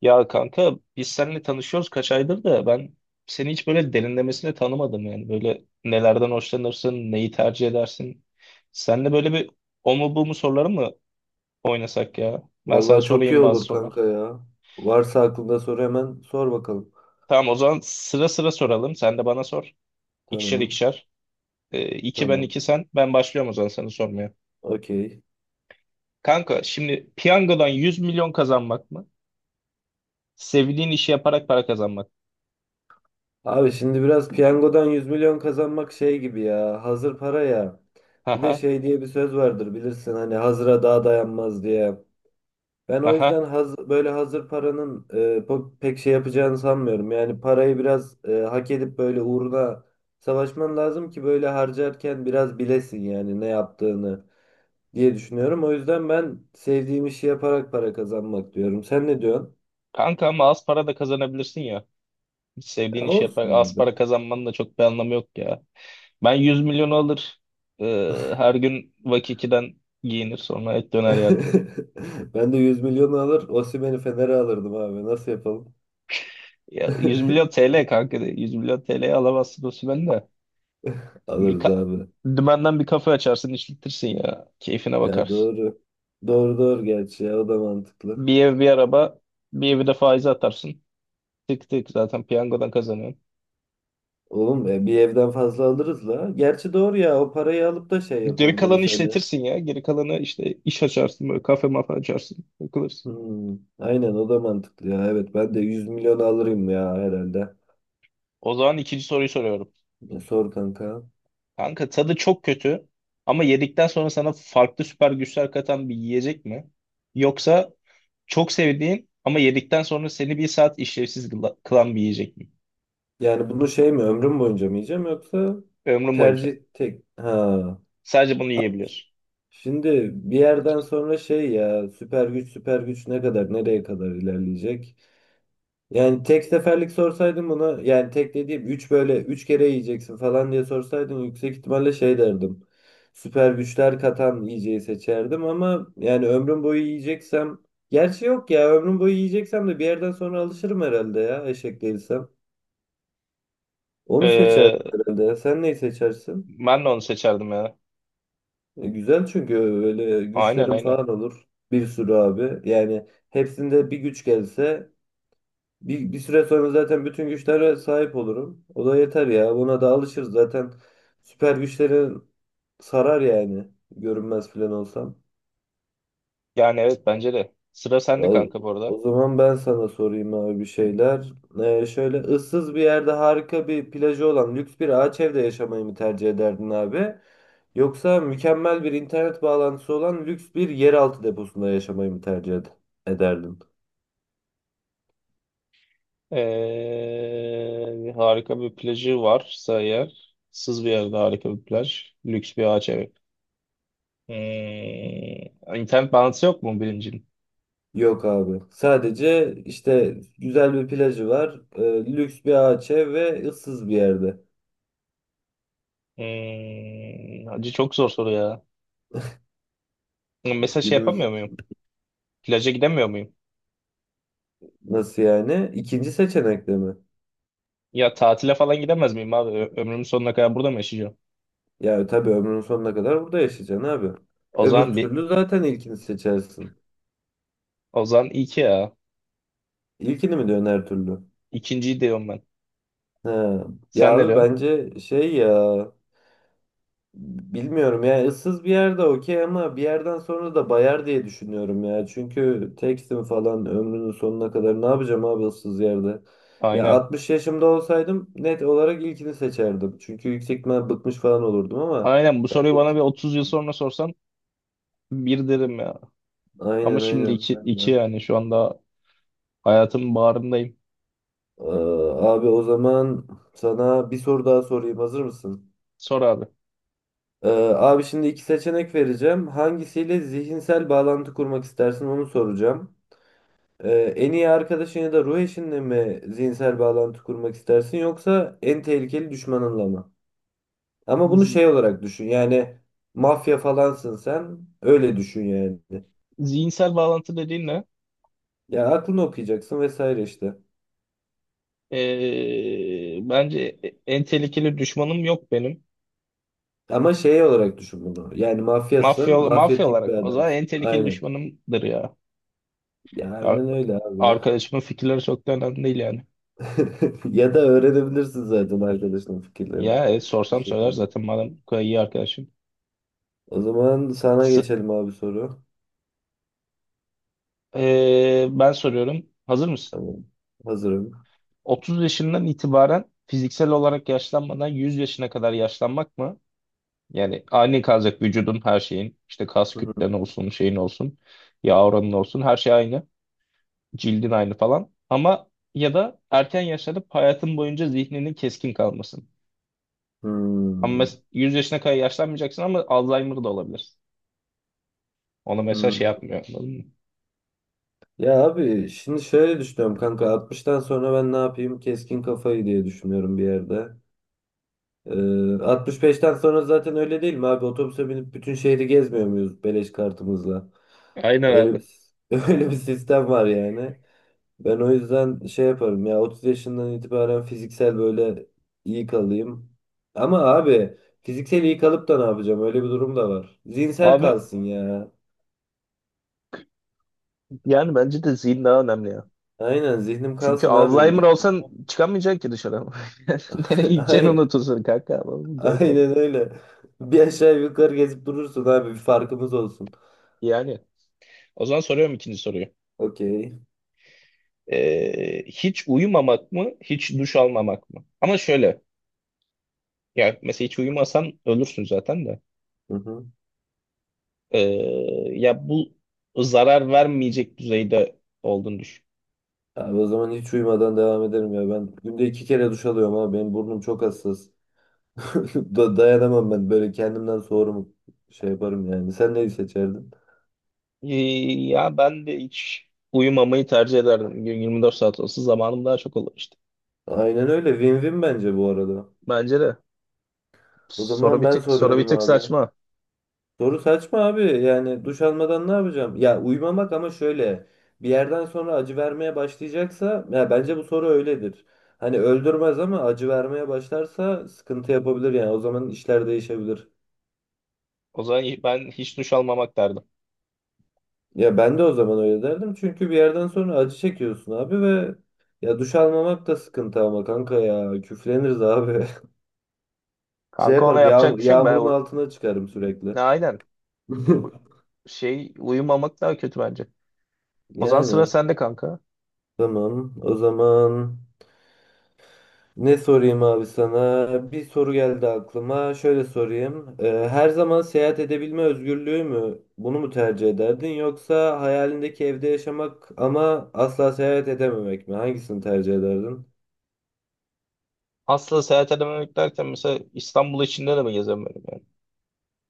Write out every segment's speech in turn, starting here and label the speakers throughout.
Speaker 1: Ya kanka biz seninle tanışıyoruz kaç aydır da ben seni hiç böyle derinlemesine tanımadım yani. Böyle nelerden hoşlanırsın, neyi tercih edersin? Seninle böyle bir o mu bu mu soruları mı oynasak ya? Ben sana
Speaker 2: Vallahi çok iyi
Speaker 1: sorayım bazı
Speaker 2: olur kanka
Speaker 1: sorular.
Speaker 2: ya. Varsa aklında sor hemen sor bakalım.
Speaker 1: Tamam, o zaman sıra sıra soralım. Sen de bana sor. İkişer
Speaker 2: Tamam.
Speaker 1: ikişer. İki ben
Speaker 2: Tamam.
Speaker 1: iki sen. Ben başlıyorum o zaman sana sormaya.
Speaker 2: Okey.
Speaker 1: Kanka şimdi piyangodan 100 milyon kazanmak mı? Sevdiğin işi yaparak para kazanmak.
Speaker 2: Abi şimdi biraz piyangodan 100 milyon kazanmak şey gibi ya. Hazır para ya. Bir de
Speaker 1: Aha,
Speaker 2: şey diye bir söz vardır bilirsin hani hazıra daha dayanmaz diye. Ben o yüzden
Speaker 1: aha.
Speaker 2: böyle hazır paranın pek şey yapacağını sanmıyorum. Yani parayı biraz hak edip böyle uğruna savaşman lazım ki böyle harcarken biraz bilesin yani ne yaptığını diye düşünüyorum. O yüzden ben sevdiğim işi yaparak para kazanmak diyorum. Sen ne diyorsun?
Speaker 1: Kanka ama az para da kazanabilirsin ya. Hiç sevdiğin
Speaker 2: Ya
Speaker 1: iş
Speaker 2: olsun
Speaker 1: yapar. Az
Speaker 2: abi.
Speaker 1: para kazanmanın da çok bir anlamı yok ya. Ben 100 milyonu alır. e, Her gün Vakiki'den giyinir sonra et döner yerdim.
Speaker 2: Ben de 100 milyonu alır, Osimhen'i Fener'e alırdım abi. Nasıl yapalım?
Speaker 1: Ya, 100 milyon TL kanka. De. 100 milyon TL'ye alamazsın o sümen de. Bir
Speaker 2: Alırız
Speaker 1: ka-
Speaker 2: abi.
Speaker 1: Dümenden bir kafe açarsın işletirsin ya. Keyfine
Speaker 2: Ya
Speaker 1: bakarsın.
Speaker 2: doğru. Doğru doğru gerçi ya o da mantıklı.
Speaker 1: Bir ev bir araba. Bir evi de faize atarsın. Tık tık zaten piyangodan kazanıyorsun.
Speaker 2: Oğlum bir evden fazla alırız la. Gerçi doğru ya o parayı alıp da şey
Speaker 1: Geri kalanı
Speaker 2: yapabiliriz hani.
Speaker 1: işletirsin ya. Geri kalanı işte iş açarsın böyle kafe mafa açarsın. Takılırsın.
Speaker 2: Hmm, aynen o da mantıklı ya. Evet ben de 100 milyon alırım ya herhalde.
Speaker 1: O zaman ikinci soruyu soruyorum.
Speaker 2: Sor kanka.
Speaker 1: Kanka tadı çok kötü ama yedikten sonra sana farklı süper güçler katan bir yiyecek mi? Yoksa çok sevdiğin ama yedikten sonra seni bir saat işlevsiz kılan bir yiyecek mi?
Speaker 2: Yani bunu şey mi ömrüm boyunca mı yiyeceğim yoksa
Speaker 1: Ömrün boyunca.
Speaker 2: tercih tek ha.
Speaker 1: Sadece bunu yiyebiliyorsun.
Speaker 2: Şimdi bir yerden sonra şey ya süper güç süper güç ne kadar nereye kadar ilerleyecek? Yani tek seferlik sorsaydın bunu yani tek dediğim 3 böyle 3 kere yiyeceksin falan diye sorsaydın yüksek ihtimalle şey derdim. Süper güçler katan yiyeceği seçerdim ama yani ömrüm boyu yiyeceksem gerçi yok ya ömrüm boyu yiyeceksem de bir yerden sonra alışırım herhalde ya eşek değilsem. Onu seçerdim
Speaker 1: Ee,
Speaker 2: herhalde. Sen neyi seçersin?
Speaker 1: Ben de onu seçerdim ya.
Speaker 2: Güzel çünkü öyle
Speaker 1: Aynen,
Speaker 2: güçlerin
Speaker 1: aynen.
Speaker 2: falan olur. Bir sürü abi. Yani hepsinde bir güç gelse bir süre sonra zaten bütün güçlere sahip olurum. O da yeter ya. Buna da alışırız zaten. Süper güçlerin sarar yani. Görünmez falan olsam.
Speaker 1: Yani evet, bence de. Sıra sende
Speaker 2: Al-
Speaker 1: kanka bu arada.
Speaker 2: O zaman ben sana sorayım abi bir şeyler. Şöyle ıssız bir yerde harika bir plajı olan lüks bir ağaç evde yaşamayı mı tercih ederdin abi? Yoksa mükemmel bir internet bağlantısı olan lüks bir yeraltı deposunda yaşamayı mı tercih ederdin?
Speaker 1: Harika bir plajı varsa eğer, sız bir yerde harika bir plaj, lüks bir ağaç evi. Hmm, internet bağlantısı yok mu birincinin?
Speaker 2: Yok abi. Sadece işte güzel bir plajı var, lüks bir ağaç ev ve ıssız bir yerde.
Speaker 1: Hmm, hacı çok zor soru ya. Hmm, mesela şey
Speaker 2: Günümüz
Speaker 1: yapamıyor muyum? Plaja gidemiyor muyum?
Speaker 2: nasıl yani? İkinci seçenekte mi?
Speaker 1: Ya tatile falan gidemez miyim abi? Ömrümün sonuna kadar burada mı yaşayacağım?
Speaker 2: Ya tabii ömrünün sonuna kadar burada yaşayacaksın abi.
Speaker 1: O
Speaker 2: Öbür
Speaker 1: zaman bir,
Speaker 2: türlü zaten ilkini seçersin.
Speaker 1: o zaman iki ya.
Speaker 2: İlkini mi diyorsun her türlü?
Speaker 1: İkinciyi diyorum ben.
Speaker 2: He. Ya
Speaker 1: Sen ne
Speaker 2: abi
Speaker 1: diyorsun?
Speaker 2: bence şey ya bilmiyorum ya ıssız bir yerde okey ama bir yerden sonra da bayar diye düşünüyorum ya. Çünkü tekstim falan ömrünün sonuna kadar ne yapacağım abi ıssız yerde? Ya
Speaker 1: Aynen.
Speaker 2: 60 yaşımda olsaydım net olarak ilkini seçerdim. Çünkü yüksek ihtimal bıkmış falan olurdum ama
Speaker 1: Aynen bu
Speaker 2: ben
Speaker 1: soruyu
Speaker 2: de
Speaker 1: bana bir 30 yıl sonra sorsan bir derim ya. Ama
Speaker 2: aynen
Speaker 1: şimdi
Speaker 2: aynen.
Speaker 1: iki yani şu anda hayatımın bağrındayım.
Speaker 2: Ee, Abi o zaman sana bir soru daha sorayım. Hazır mısın?
Speaker 1: Sor abi.
Speaker 2: Ee, Abi şimdi iki seçenek vereceğim. Hangisiyle zihinsel bağlantı kurmak istersin onu soracağım. En iyi arkadaşın ya da ruh eşinle mi zihinsel bağlantı kurmak istersin yoksa en tehlikeli düşmanınla mı? Ama bunu
Speaker 1: Z-
Speaker 2: şey olarak düşün. Yani mafya falansın sen. Öyle düşün yani.
Speaker 1: Zihinsel bağlantı dediğin ne?
Speaker 2: Ya aklını okuyacaksın vesaire işte.
Speaker 1: Bence en tehlikeli düşmanım yok benim.
Speaker 2: Ama şey olarak düşün bunu. Yani
Speaker 1: Mafya,
Speaker 2: mafyasın,
Speaker 1: mafya
Speaker 2: mafyatik bir
Speaker 1: olarak o zaman
Speaker 2: adamsın.
Speaker 1: en tehlikeli
Speaker 2: Aynen.
Speaker 1: düşmanımdır ya.
Speaker 2: Ya
Speaker 1: Ar-
Speaker 2: aynen öyle abi.
Speaker 1: Arkadaşımın fikirleri çok da önemli değil yani.
Speaker 2: Ya da öğrenebilirsin zaten arkadaşının fikirlerini
Speaker 1: Ya
Speaker 2: bir
Speaker 1: sorsam söyler
Speaker 2: şekilde.
Speaker 1: zaten madem bu kadar iyi arkadaşım.
Speaker 2: O zaman sana
Speaker 1: S-
Speaker 2: geçelim abi soru.
Speaker 1: Ben soruyorum. Hazır mısın?
Speaker 2: Tamam. Hazırım.
Speaker 1: 30 yaşından itibaren fiziksel olarak yaşlanmadan 100 yaşına kadar yaşlanmak mı? Yani aynı kalacak vücudun her şeyin. İşte kas
Speaker 2: Hı hı.
Speaker 1: kütlen olsun, şeyin olsun, yağ oranın olsun. Her şey aynı. Cildin aynı falan. Ama ya da erken yaşlanıp hayatın boyunca zihninin keskin kalmasın. Ama
Speaker 2: Hmm.
Speaker 1: 100 yaşına kadar yaşlanmayacaksın ama Alzheimer da olabilirsin. Ona mesela
Speaker 2: Hmm.
Speaker 1: şey yapmıyor. Anladın mı?
Speaker 2: Ya abi şimdi şöyle düşünüyorum kanka 60'tan sonra ben ne yapayım? Keskin kafayı diye düşünüyorum bir yerde. Ee, 65'ten sonra zaten öyle değil mi abi? Otobüse binip bütün şehri gezmiyor muyuz beleş kartımızla?
Speaker 1: Aynen
Speaker 2: Öyle bir
Speaker 1: abi.
Speaker 2: öyle bir sistem var yani. Ben o yüzden şey yaparım ya 30 yaşından itibaren fiziksel böyle iyi kalayım. Ama abi fiziksel iyi kalıp da ne yapacağım? Öyle bir durum da var. Zihinsel
Speaker 1: Abi
Speaker 2: kalsın ya.
Speaker 1: yani bence de zihin daha önemli ya.
Speaker 2: Aynen zihnim
Speaker 1: Çünkü
Speaker 2: kalsın abi.
Speaker 1: Alzheimer
Speaker 2: Vücudum-
Speaker 1: olsan çıkamayacaksın ki dışarı. Nereye gideceğini
Speaker 2: Ay,
Speaker 1: unutursun kanka. Ama bu gerek yok.
Speaker 2: aynen öyle. Bir aşağı yukarı gezip durursun abi bir farkımız olsun.
Speaker 1: Yani o zaman soruyorum ikinci soruyu.
Speaker 2: Okey.
Speaker 1: Hiç uyumamak mı, hiç duş almamak mı? Ama şöyle, ya mesela hiç uyumasan ölürsün zaten de.
Speaker 2: Hı hı.
Speaker 1: Ee, ya bu zarar vermeyecek düzeyde olduğunu düşün.
Speaker 2: Abi o zaman hiç uyumadan devam ederim ya. Ben günde iki kere duş alıyorum abi. Benim burnum çok hassas. Dayanamam ben böyle kendimden soğurum şey yaparım yani. Sen neyi seçerdin?
Speaker 1: Ee, Ya ben de hiç uyumamayı tercih ederdim. Gün 24 saat olsa zamanım daha çok olur işte.
Speaker 2: Aynen öyle. Win-win bence bu arada.
Speaker 1: Bence de.
Speaker 2: O zaman ben
Speaker 1: Soru bir
Speaker 2: soruyorum
Speaker 1: tık
Speaker 2: abi.
Speaker 1: saçma.
Speaker 2: Soru saçma abi. Yani duş almadan ne yapacağım? Ya uyumamak ama şöyle. Bir yerden sonra acı vermeye başlayacaksa ya bence bu soru öyledir. Hani öldürmez ama acı vermeye başlarsa sıkıntı yapabilir yani. O zaman işler değişebilir.
Speaker 1: O zaman ben hiç duş almamak derdim.
Speaker 2: Ya ben de o zaman öyle derdim. Çünkü bir yerden sonra acı çekiyorsun abi ve ya duş almamak da sıkıntı ama kanka ya küfleniriz abi. Şey
Speaker 1: Kanka ona
Speaker 2: yaparım
Speaker 1: yapacak bir şey yok.
Speaker 2: yağmurun altına çıkarım sürekli.
Speaker 1: Ne aynen. Bu şey uyumamak daha kötü bence. O zaman sıra
Speaker 2: Yani.
Speaker 1: sende kanka.
Speaker 2: Tamam. O zaman ne sorayım abi sana? Bir soru geldi aklıma. Şöyle sorayım. Her zaman seyahat edebilme özgürlüğü mü? Bunu mu tercih ederdin? Yoksa hayalindeki evde yaşamak ama asla seyahat edememek mi? Hangisini tercih ederdin?
Speaker 1: Aslında seyahat edememek derken mesela İstanbul içinde de mi gezemiyorum yani?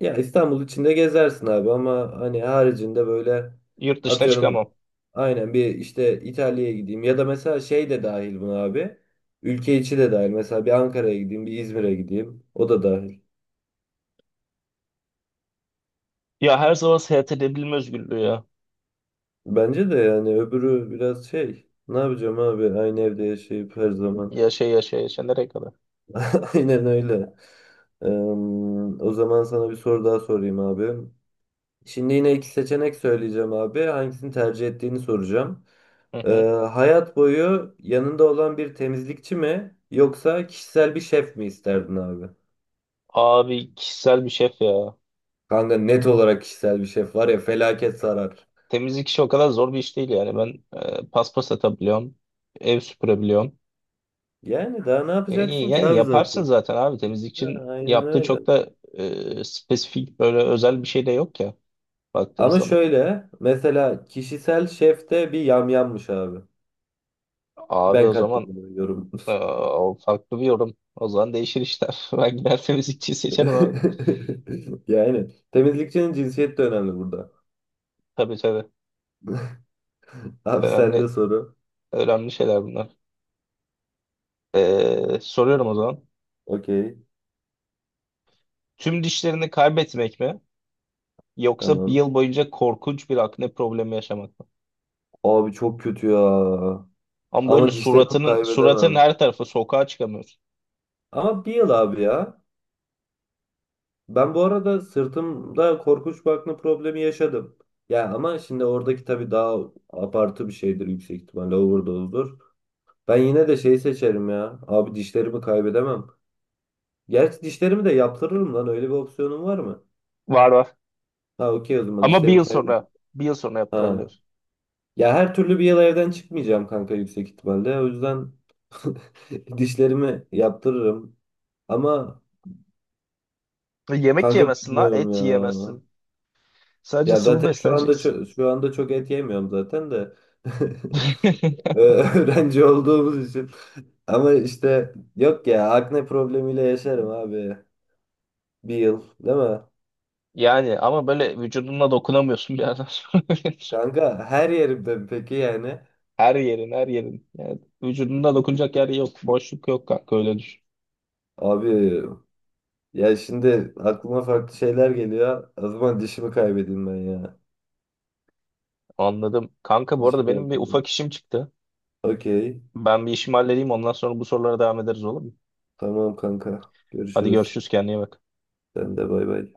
Speaker 2: Ya İstanbul içinde gezersin abi ama hani haricinde böyle
Speaker 1: Yurt dışına
Speaker 2: atıyorum
Speaker 1: çıkamam.
Speaker 2: aynen bir işte İtalya'ya gideyim ya da mesela şey de dahil buna abi. Ülke içi de dahil. Mesela bir Ankara'ya gideyim, bir İzmir'e gideyim. O da dahil.
Speaker 1: Ya her zaman seyahat edebilme özgürlüğü ya.
Speaker 2: Bence de yani öbürü biraz şey. Ne yapacağım abi aynı evde yaşayıp her zaman.
Speaker 1: Yaşa yaşa yaşa nereye kadar?
Speaker 2: Aynen öyle. Eee, O zaman sana bir soru daha sorayım abi. Şimdi yine iki seçenek söyleyeceğim abi. Hangisini tercih ettiğini soracağım.
Speaker 1: Hı hı.
Speaker 2: Eee, Hayat boyu yanında olan bir temizlikçi mi yoksa kişisel bir şef mi isterdin abi?
Speaker 1: Abi kişisel bir şef ya.
Speaker 2: Kanka net olarak kişisel bir şef var ya felaket sarar.
Speaker 1: Temizlik işi o kadar zor bir iş değil yani. Ben paspas atabiliyorum. Ev süpürebiliyorum.
Speaker 2: Yani daha ne yapacaksın ki
Speaker 1: Yani
Speaker 2: abi zaten?
Speaker 1: yaparsın zaten abi,
Speaker 2: Ha,
Speaker 1: temizlikçinin
Speaker 2: aynen
Speaker 1: yaptığı
Speaker 2: öyle.
Speaker 1: çok da spesifik böyle özel bir şey de yok ya baktığın
Speaker 2: Ama
Speaker 1: zaman.
Speaker 2: şöyle mesela kişisel şefte bir yamyammış abi.
Speaker 1: Abi
Speaker 2: Ben
Speaker 1: o zaman
Speaker 2: katılıyorum.
Speaker 1: e, o farklı bir yorum. O zaman değişir işler. Ben gider temizlikçiyi seçerim abi.
Speaker 2: Yani temizlikçinin cinsiyeti de önemli burada.
Speaker 1: Tabii, tabii.
Speaker 2: Abi sende
Speaker 1: Önemli,
Speaker 2: soru.
Speaker 1: önemli şeyler bunlar. Soruyorum o zaman.
Speaker 2: Okey.
Speaker 1: Tüm dişlerini kaybetmek mi? Yoksa bir
Speaker 2: Tamam.
Speaker 1: yıl boyunca korkunç bir akne problemi yaşamak mı?
Speaker 2: Abi çok kötü ya.
Speaker 1: Ama böyle
Speaker 2: Ama dişlerimi
Speaker 1: suratın
Speaker 2: kaybedemem.
Speaker 1: her tarafı, sokağa çıkamıyorsun.
Speaker 2: Ama bir yıl abi ya. Ben bu arada sırtımda korkunç bir akne problemi yaşadım. Ya ama şimdi oradaki tabii daha abartı bir şeydir yüksek ihtimalle overdose'dur. Ben yine de şey seçerim ya. Abi dişlerimi kaybedemem. Gerçi dişlerimi de yaptırırım lan. Öyle bir opsiyonum var mı?
Speaker 1: Var, var.
Speaker 2: Ha, okey o zaman
Speaker 1: Ama
Speaker 2: dişlerimi kaybettim.
Speaker 1: bir yıl sonra
Speaker 2: Ha.
Speaker 1: yaptırabiliyorsun.
Speaker 2: Ya her türlü bir yıl evden çıkmayacağım kanka yüksek ihtimalle. O yüzden dişlerimi yaptırırım. Ama
Speaker 1: Yemek
Speaker 2: kanka
Speaker 1: yemezsin ha,
Speaker 2: bilmiyorum
Speaker 1: et
Speaker 2: ya.
Speaker 1: yiyemezsin. Sadece
Speaker 2: Ya
Speaker 1: sıvı
Speaker 2: zaten
Speaker 1: besleneceksin.
Speaker 2: şu anda çok et yemiyorum zaten de. Öğrenci olduğumuz için. Ama işte yok ya akne problemiyle yaşarım abi. Bir yıl değil mi?
Speaker 1: Yani ama böyle vücuduna dokunamıyorsun bir yerden sonra.
Speaker 2: Kanka her yerimde peki yani.
Speaker 1: Her yerin, her yerin. Yani vücudunda dokunacak yer yok. Boşluk yok kanka, öyle düşün.
Speaker 2: Abi, ya şimdi aklıma farklı şeyler geliyor. O zaman dişimi kaybedeyim ben ya.
Speaker 1: Anladım. Kanka bu arada
Speaker 2: Dişimi
Speaker 1: benim bir
Speaker 2: yaptım.
Speaker 1: ufak işim çıktı.
Speaker 2: Okey.
Speaker 1: Ben bir işimi halledeyim, ondan sonra bu sorulara devam ederiz, olur mu?
Speaker 2: Tamam kanka.
Speaker 1: Hadi
Speaker 2: Görüşürüz.
Speaker 1: görüşürüz, kendine iyi bak.
Speaker 2: Sen de bay bay.